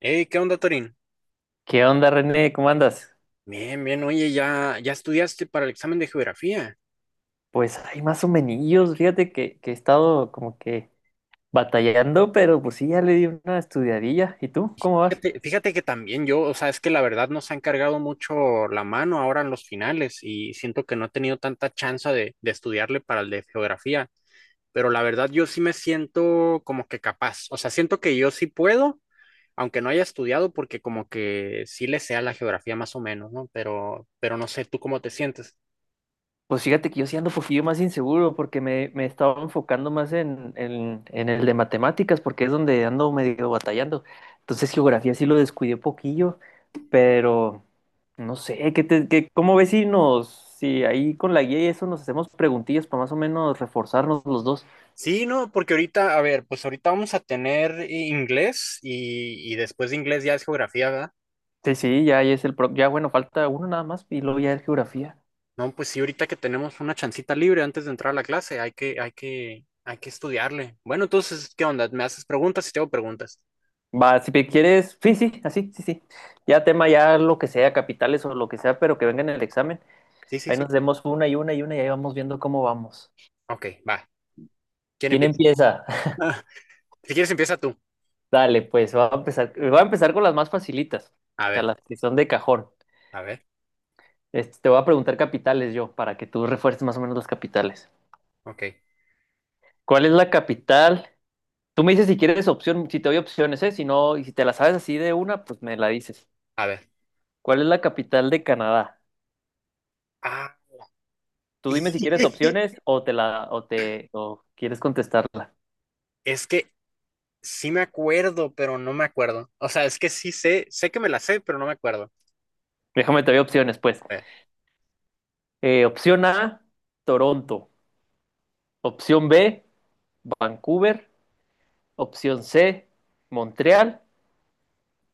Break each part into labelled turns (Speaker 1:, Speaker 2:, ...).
Speaker 1: Hey, ¿qué onda, Torín?
Speaker 2: ¿Qué onda, René? ¿Cómo andas?
Speaker 1: Bien, bien, oye, ya estudiaste para el examen de geografía.
Speaker 2: Pues hay más o menos, fíjate que he estado como que batallando, pero pues sí, ya le di una estudiadilla. ¿Y tú? ¿Cómo vas?
Speaker 1: Fíjate que también yo, o sea, es que la verdad nos han cargado mucho la mano ahora en los finales y siento que no he tenido tanta chance de estudiarle para el de geografía, pero la verdad yo sí me siento como que capaz, o sea, siento que yo sí puedo, aunque no haya estudiado, porque como que sí le sea la geografía más o menos, ¿no? Pero no sé, ¿tú cómo te sientes?
Speaker 2: Pues fíjate que yo sí ando un poquillo más inseguro porque me estaba enfocando más en el de matemáticas porque es donde ando medio batallando. Entonces geografía sí lo descuidé poquillo, pero no sé, ¿ cómo ves si ahí con la guía y eso nos hacemos preguntillas para más o menos reforzarnos los dos?
Speaker 1: Sí, no, porque ahorita, a ver, pues ahorita vamos a tener inglés y después de inglés ya es geografía, ¿verdad?
Speaker 2: Sí, sí, ya ahí es el pro. Ya bueno, falta uno nada más y luego ya es geografía.
Speaker 1: No, pues sí, ahorita que tenemos una chancita libre antes de entrar a la clase, hay que estudiarle. Bueno, entonces, ¿qué onda? ¿Me haces preguntas y te hago preguntas?
Speaker 2: Va, si te quieres, sí, sí, así, sí, sí. Ya tema, ya lo que sea, capitales o lo que sea, pero que venga en el examen.
Speaker 1: Sí, sí,
Speaker 2: Ahí
Speaker 1: sí.
Speaker 2: nos demos una y una y una y ahí vamos viendo cómo vamos.
Speaker 1: Ok, va. ¿Quién
Speaker 2: ¿Quién
Speaker 1: empieza?
Speaker 2: empieza?
Speaker 1: Si quieres, empieza tú.
Speaker 2: Dale, pues va a empezar con las más facilitas,
Speaker 1: A
Speaker 2: o sea,
Speaker 1: ver,
Speaker 2: las que son de cajón.
Speaker 1: a ver,
Speaker 2: Te voy a preguntar capitales yo, para que tú refuerces más o menos las capitales.
Speaker 1: ok,
Speaker 2: ¿Cuál es la capital? Tú me dices si quieres opción, si te doy opciones, ¿eh? Si no, y si te la sabes así de una, pues me la dices.
Speaker 1: a ver.
Speaker 2: ¿Cuál es la capital de Canadá?
Speaker 1: Ah,
Speaker 2: Tú dime si quieres opciones o te la o te o quieres contestarla.
Speaker 1: es que sí me acuerdo, pero no me acuerdo. O sea, es que sí sé, sé que me la sé, pero no me acuerdo.
Speaker 2: Déjame te doy opciones, pues.
Speaker 1: A ver,
Speaker 2: Opción A, Toronto. Opción B, Vancouver. Opción C, Montreal.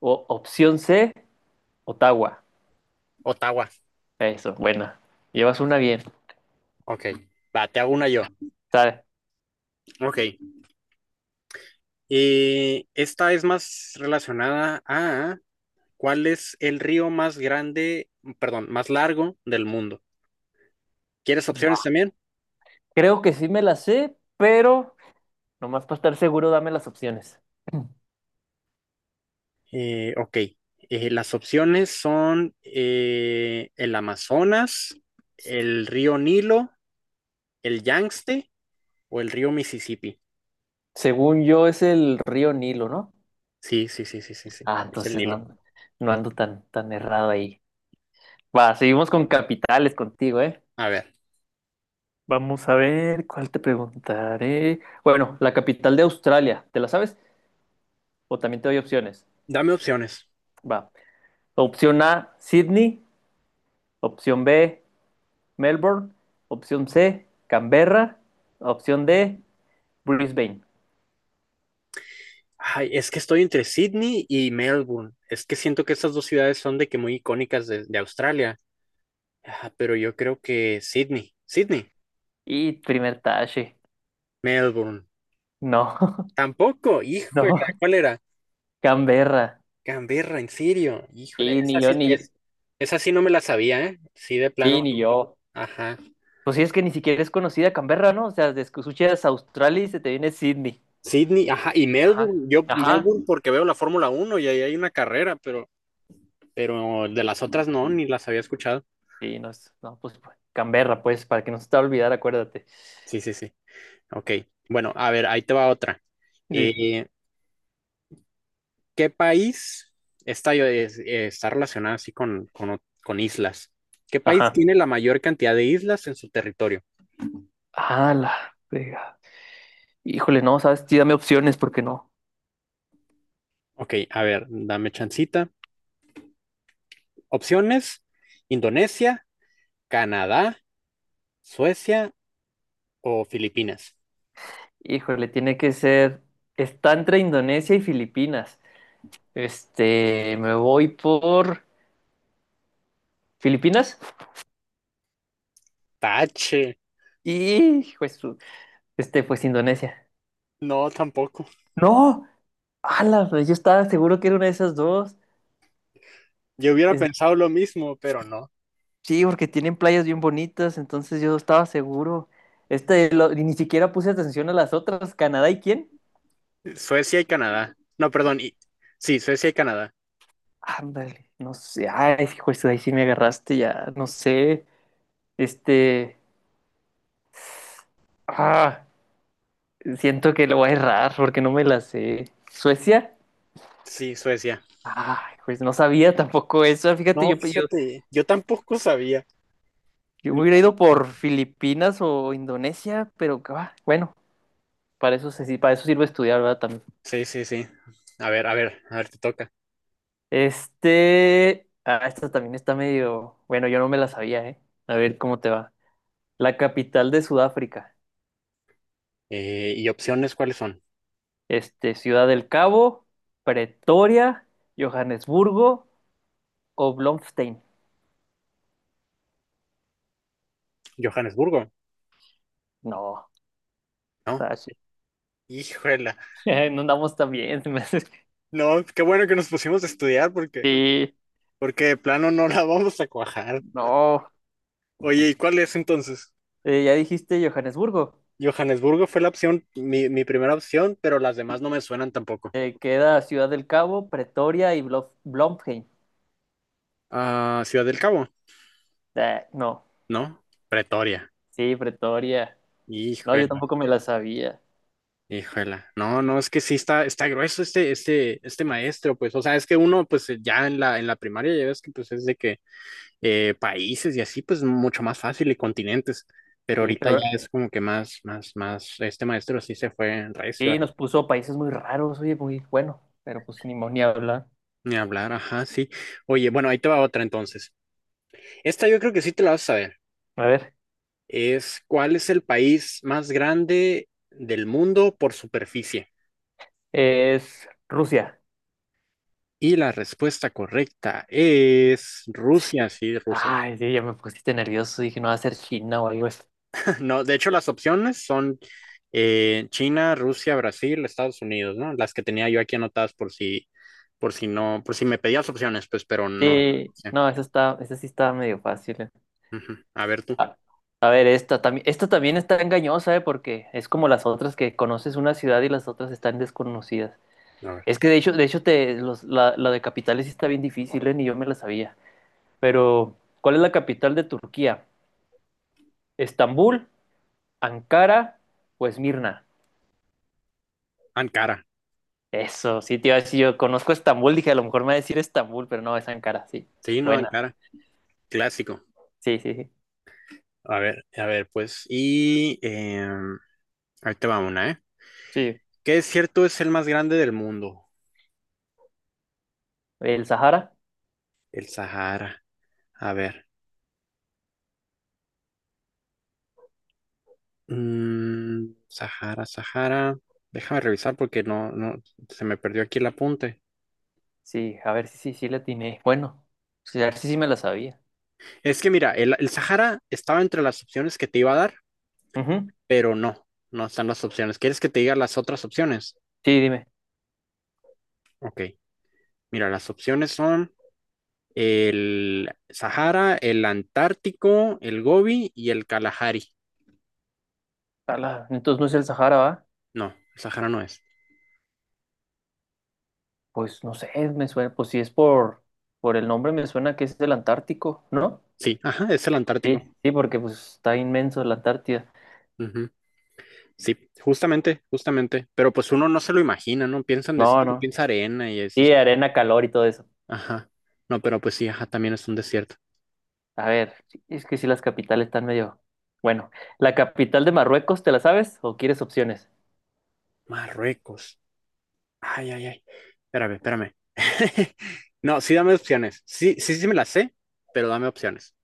Speaker 2: O opción C, Ottawa.
Speaker 1: Ottawa.
Speaker 2: Eso, buena. Llevas una bien.
Speaker 1: Ok, va, te hago una yo.
Speaker 2: ¿Sabe?
Speaker 1: Ok, y esta es más relacionada a cuál es el río más grande, perdón, más largo del mundo. ¿Quieres opciones también?
Speaker 2: Creo que sí me la sé, pero nomás para estar seguro, dame las opciones.
Speaker 1: Ok, las opciones son el Amazonas, el río Nilo, el Yangtze o el río Mississippi.
Speaker 2: Según yo, es el río Nilo, ¿no?
Speaker 1: Sí, sí, sí, sí, sí, sí,
Speaker 2: Ah,
Speaker 1: es el
Speaker 2: entonces
Speaker 1: Nilo.
Speaker 2: no, no ando tan errado ahí. Va, seguimos con capitales contigo, ¿eh?
Speaker 1: A ver,
Speaker 2: Vamos a ver, ¿cuál te preguntaré? Bueno, la capital de Australia, ¿te la sabes? O también te doy opciones.
Speaker 1: dame opciones.
Speaker 2: Va. Opción A, Sydney. Opción B, Melbourne. Opción C, Canberra. Opción D, Brisbane.
Speaker 1: Ay, es que estoy entre Sydney y Melbourne. Es que siento que estas dos ciudades son de que muy icónicas de Australia. Ah, pero yo creo que Sydney,
Speaker 2: Y primer tache.
Speaker 1: Melbourne.
Speaker 2: No,
Speaker 1: Tampoco, híjole,
Speaker 2: no,
Speaker 1: ¿cuál era?
Speaker 2: Canberra.
Speaker 1: Canberra, en serio, híjole,
Speaker 2: Y
Speaker 1: esa
Speaker 2: ni yo,
Speaker 1: sí,
Speaker 2: ni,
Speaker 1: es, esa sí no me la sabía, ¿eh? Sí, de
Speaker 2: sí,
Speaker 1: plano,
Speaker 2: ni yo.
Speaker 1: ajá.
Speaker 2: Pues sí, es que ni siquiera es conocida Canberra, ¿no? O sea, desde que escuchas Australia y se te viene Sydney.
Speaker 1: Sydney, ajá, y Melbourne,
Speaker 2: Ajá,
Speaker 1: yo
Speaker 2: ajá.
Speaker 1: Melbourne porque veo la Fórmula Uno y ahí hay una carrera, pero de las otras no, ni las había escuchado.
Speaker 2: Sí, no, no, pues, Canberra, pues, para que no se te va a olvidar, acuérdate.
Speaker 1: Sí, sí, sí, ok. Bueno, a ver, ahí te va otra.
Speaker 2: Sí,
Speaker 1: Eh, ¿Qué país está, está relacionado así con, con islas? ¿Qué país
Speaker 2: ajá.
Speaker 1: tiene la mayor cantidad de islas en su territorio?
Speaker 2: Ah, la frega. Híjole, no, sabes, sí, dame opciones, porque no.
Speaker 1: Ok, a ver, dame chancita. Opciones: Indonesia, Canadá, Suecia o Filipinas.
Speaker 2: Híjole, tiene que ser. Está entre Indonesia y Filipinas. Me voy por Filipinas
Speaker 1: Tache,
Speaker 2: y pues, pues Indonesia.
Speaker 1: no, tampoco.
Speaker 2: No, ala, yo estaba seguro que era una de esas dos.
Speaker 1: Yo hubiera pensado lo mismo, pero no.
Speaker 2: Sí, porque tienen playas bien bonitas, entonces yo estaba seguro. Y ni siquiera puse atención a las otras. ¿Canadá y quién?
Speaker 1: Suecia y Canadá. No, perdón. Sí, Suecia y Canadá.
Speaker 2: Ándale, no sé. Ay, hijo, eso ahí sí me agarraste ya. No sé. Este. Ah, siento que lo voy a errar porque no me la sé. ¿Suecia?
Speaker 1: Sí, Suecia.
Speaker 2: Ay, pues no sabía tampoco eso. Fíjate,
Speaker 1: No, fíjate, yo tampoco sabía.
Speaker 2: yo me hubiera ido por Filipinas o Indonesia, pero bueno, para eso, para eso sirve estudiar, ¿verdad? También.
Speaker 1: Sí, sí, sí. A ver, a ver, a ver, te toca.
Speaker 2: Esta también está medio, bueno, yo no me la sabía, ¿eh? A ver cómo te va. La capital de Sudáfrica.
Speaker 1: ¿Y opciones cuáles son?
Speaker 2: Ciudad del Cabo, Pretoria, Johannesburgo o Bloemfontein.
Speaker 1: Johannesburgo,
Speaker 2: No,
Speaker 1: ¿no?
Speaker 2: está
Speaker 1: Híjola.
Speaker 2: no andamos tan bien. Se me hace que-
Speaker 1: No, qué bueno que nos pusimos a estudiar porque,
Speaker 2: Sí,
Speaker 1: porque de plano no la vamos a cuajar.
Speaker 2: no.
Speaker 1: Oye, ¿y cuál es entonces?
Speaker 2: Ya dijiste Johannesburgo.
Speaker 1: Johannesburgo fue la opción, mi primera opción, pero las demás no me suenan tampoco.
Speaker 2: Queda Ciudad del Cabo, Pretoria y Bloemfontein.
Speaker 1: Ah, Ciudad del Cabo,
Speaker 2: Ah, no,
Speaker 1: ¿no? Pretoria.
Speaker 2: sí, Pretoria. No, yo
Speaker 1: Híjola,
Speaker 2: tampoco me la sabía.
Speaker 1: híjola. No, no, es que sí está, está grueso este maestro, pues. O sea, es que uno, pues, ya en la primaria, ya ves que pues es de que países y así, pues mucho más fácil y continentes. Pero
Speaker 2: Sí,
Speaker 1: ahorita ya
Speaker 2: pero.
Speaker 1: es como que más, este maestro sí se fue en recio, ¿eh?
Speaker 2: Sí, nos puso países muy raros, oye, muy bueno, pero pues ni hablar.
Speaker 1: Ni hablar, ajá, sí. Oye, bueno, ahí te va otra entonces. Esta yo creo que sí te la vas a saber.
Speaker 2: A ver,
Speaker 1: Es ¿cuál es el país más grande del mundo por superficie?
Speaker 2: es Rusia.
Speaker 1: Y la respuesta correcta es Rusia, sí, Rusia.
Speaker 2: Ay, sí, ya me pusiste nervioso, dije, no va a ser China o algo así.
Speaker 1: No, de hecho las opciones son China, Rusia, Brasil, Estados Unidos, ¿no? Las que tenía yo aquí anotadas por si no, por si me pedías opciones, pues, pero no.
Speaker 2: Sí,
Speaker 1: Sé.
Speaker 2: no, esa sí estaba medio fácil.
Speaker 1: Ujú. A ver tú.
Speaker 2: A, a ver, esta también está engañosa, ¿eh? Porque es como las otras que conoces una ciudad y las otras están desconocidas.
Speaker 1: A ver.
Speaker 2: Es que de hecho la de capitales sí está bien difícil, ¿eh? Ni yo me la sabía. Pero, ¿cuál es la capital de Turquía? ¿Estambul, Ankara o Esmirna?
Speaker 1: Ankara.
Speaker 2: Eso, sí, te iba a decir, yo conozco Estambul, dije, a lo mejor me va a decir Estambul, pero no, es Ankara, sí.
Speaker 1: Sí, no,
Speaker 2: Buena,
Speaker 1: Ankara. Clásico.
Speaker 2: sí, sí, sí.
Speaker 1: A ver, pues. Y ahí te va una, ¿eh?
Speaker 2: Sí,
Speaker 1: ¿Qué desierto es el más grande del mundo?
Speaker 2: ¿el Sahara?
Speaker 1: El Sahara. A ver. Mm, Sahara, Sahara. Déjame revisar porque no, no, se me perdió aquí el apunte.
Speaker 2: Sí, a ver si sí le atiné. Bueno, sí, a ver si sí me la sabía.
Speaker 1: Es que mira, el Sahara estaba entre las opciones que te iba a dar,
Speaker 2: Ujú.
Speaker 1: pero no, no están las opciones. ¿Quieres que te diga las otras opciones?
Speaker 2: Sí, dime.
Speaker 1: Ok, mira, las opciones son el Sahara, el Antártico, el Gobi y el Kalahari.
Speaker 2: Ala, entonces no es el Sahara, ¿va?
Speaker 1: No, el Sahara no es.
Speaker 2: Pues no sé, me suena, pues si es por el nombre me suena que es el Antártico, ¿no?
Speaker 1: Sí, ajá, es el
Speaker 2: Sí,
Speaker 1: Antártico.
Speaker 2: sí, porque pues está inmenso la Antártida.
Speaker 1: Ujú, sí, justamente, justamente. Pero pues uno no se lo imagina, ¿no? Piensa en
Speaker 2: No,
Speaker 1: desierto,
Speaker 2: no.
Speaker 1: piensa arena y
Speaker 2: Sí,
Speaker 1: esas.
Speaker 2: arena, calor y todo eso.
Speaker 1: Ajá. No, pero pues sí, ajá, también es un desierto.
Speaker 2: A ver, es que si las capitales están medio... Bueno, ¿la capital de Marruecos te la sabes o quieres opciones?
Speaker 1: Marruecos. Ay, ay, ay. Espérame, espérame. No, sí dame opciones. Sí, sí, sí me las sé, pero dame opciones.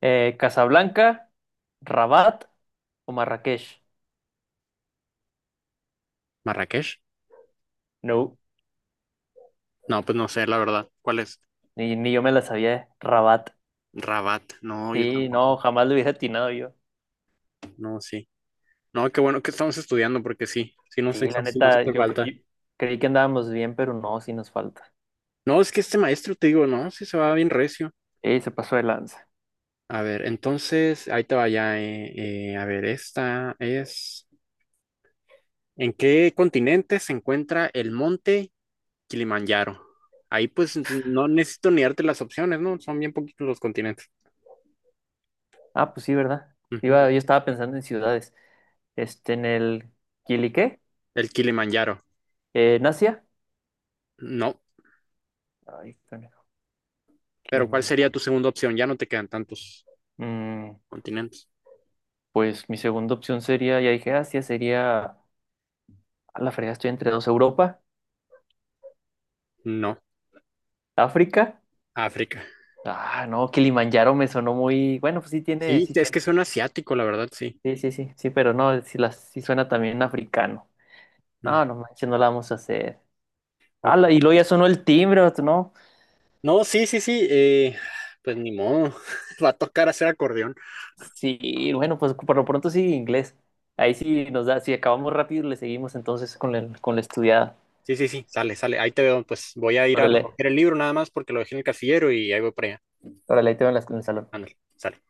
Speaker 2: ¿Casablanca, Rabat o Marrakech?
Speaker 1: ¿Marrakech?
Speaker 2: No,
Speaker 1: No, pues no sé, la verdad. ¿Cuál es?
Speaker 2: ni yo me la sabía. Rabat.
Speaker 1: Rabat. No, yo
Speaker 2: Sí,
Speaker 1: tampoco.
Speaker 2: no, jamás lo hubiera atinado yo.
Speaker 1: No, sí. No, qué bueno que estamos estudiando, porque sí, sí no sé,
Speaker 2: Sí, la
Speaker 1: sí nos
Speaker 2: neta,
Speaker 1: hace
Speaker 2: yo
Speaker 1: falta.
Speaker 2: creí que andábamos bien, pero no, sí nos falta.
Speaker 1: No, es que este maestro, te digo, no, sí se va bien recio.
Speaker 2: Sí, se pasó de lanza.
Speaker 1: A ver, entonces, ahí te vaya. A ver, esta es... ¿En qué continente se encuentra el monte Kilimanjaro? Ahí pues no necesito ni darte las opciones, ¿no? Son bien poquitos los continentes.
Speaker 2: Ah, pues sí, ¿verdad?
Speaker 1: Ujú.
Speaker 2: Yo estaba pensando en ciudades. En el... ¿Quiliqué?
Speaker 1: El Kilimanjaro.
Speaker 2: ¿En Asia?
Speaker 1: No.
Speaker 2: Ay, conejo,
Speaker 1: Pero ¿cuál sería
Speaker 2: Kilimanjaro.
Speaker 1: tu segunda opción? Ya no te quedan tantos
Speaker 2: Mm,
Speaker 1: continentes.
Speaker 2: Pues mi segunda opción sería, ya dije Asia, sería, a la fregada estoy entre dos, Europa,
Speaker 1: No.
Speaker 2: África.
Speaker 1: África.
Speaker 2: Ah, no, Kilimanjaro me sonó muy, bueno, pues sí tiene,
Speaker 1: Sí,
Speaker 2: sí, sí,
Speaker 1: es que suena asiático, la verdad, sí.
Speaker 2: sí, sí, sí, sí, pero no, sí suena también africano.
Speaker 1: Mm,
Speaker 2: No, no manches, no la vamos a hacer. Ah,
Speaker 1: ok.
Speaker 2: y luego ya sonó el timbre, vato, ¿no?
Speaker 1: No, sí, sí, sí. Pues ni modo. Va a tocar hacer acordeón.
Speaker 2: Sí, bueno, pues por lo pronto sí, inglés. Ahí sí nos da, si acabamos rápido, le seguimos entonces con con la estudiada.
Speaker 1: Sí, sí, sí. Sale, sale. Ahí te veo. Pues voy a ir a
Speaker 2: Órale,
Speaker 1: recoger el libro nada más porque lo dejé en el casillero y ahí voy para allá.
Speaker 2: órale, ahí te veo en en el salón.
Speaker 1: Ándale, sale.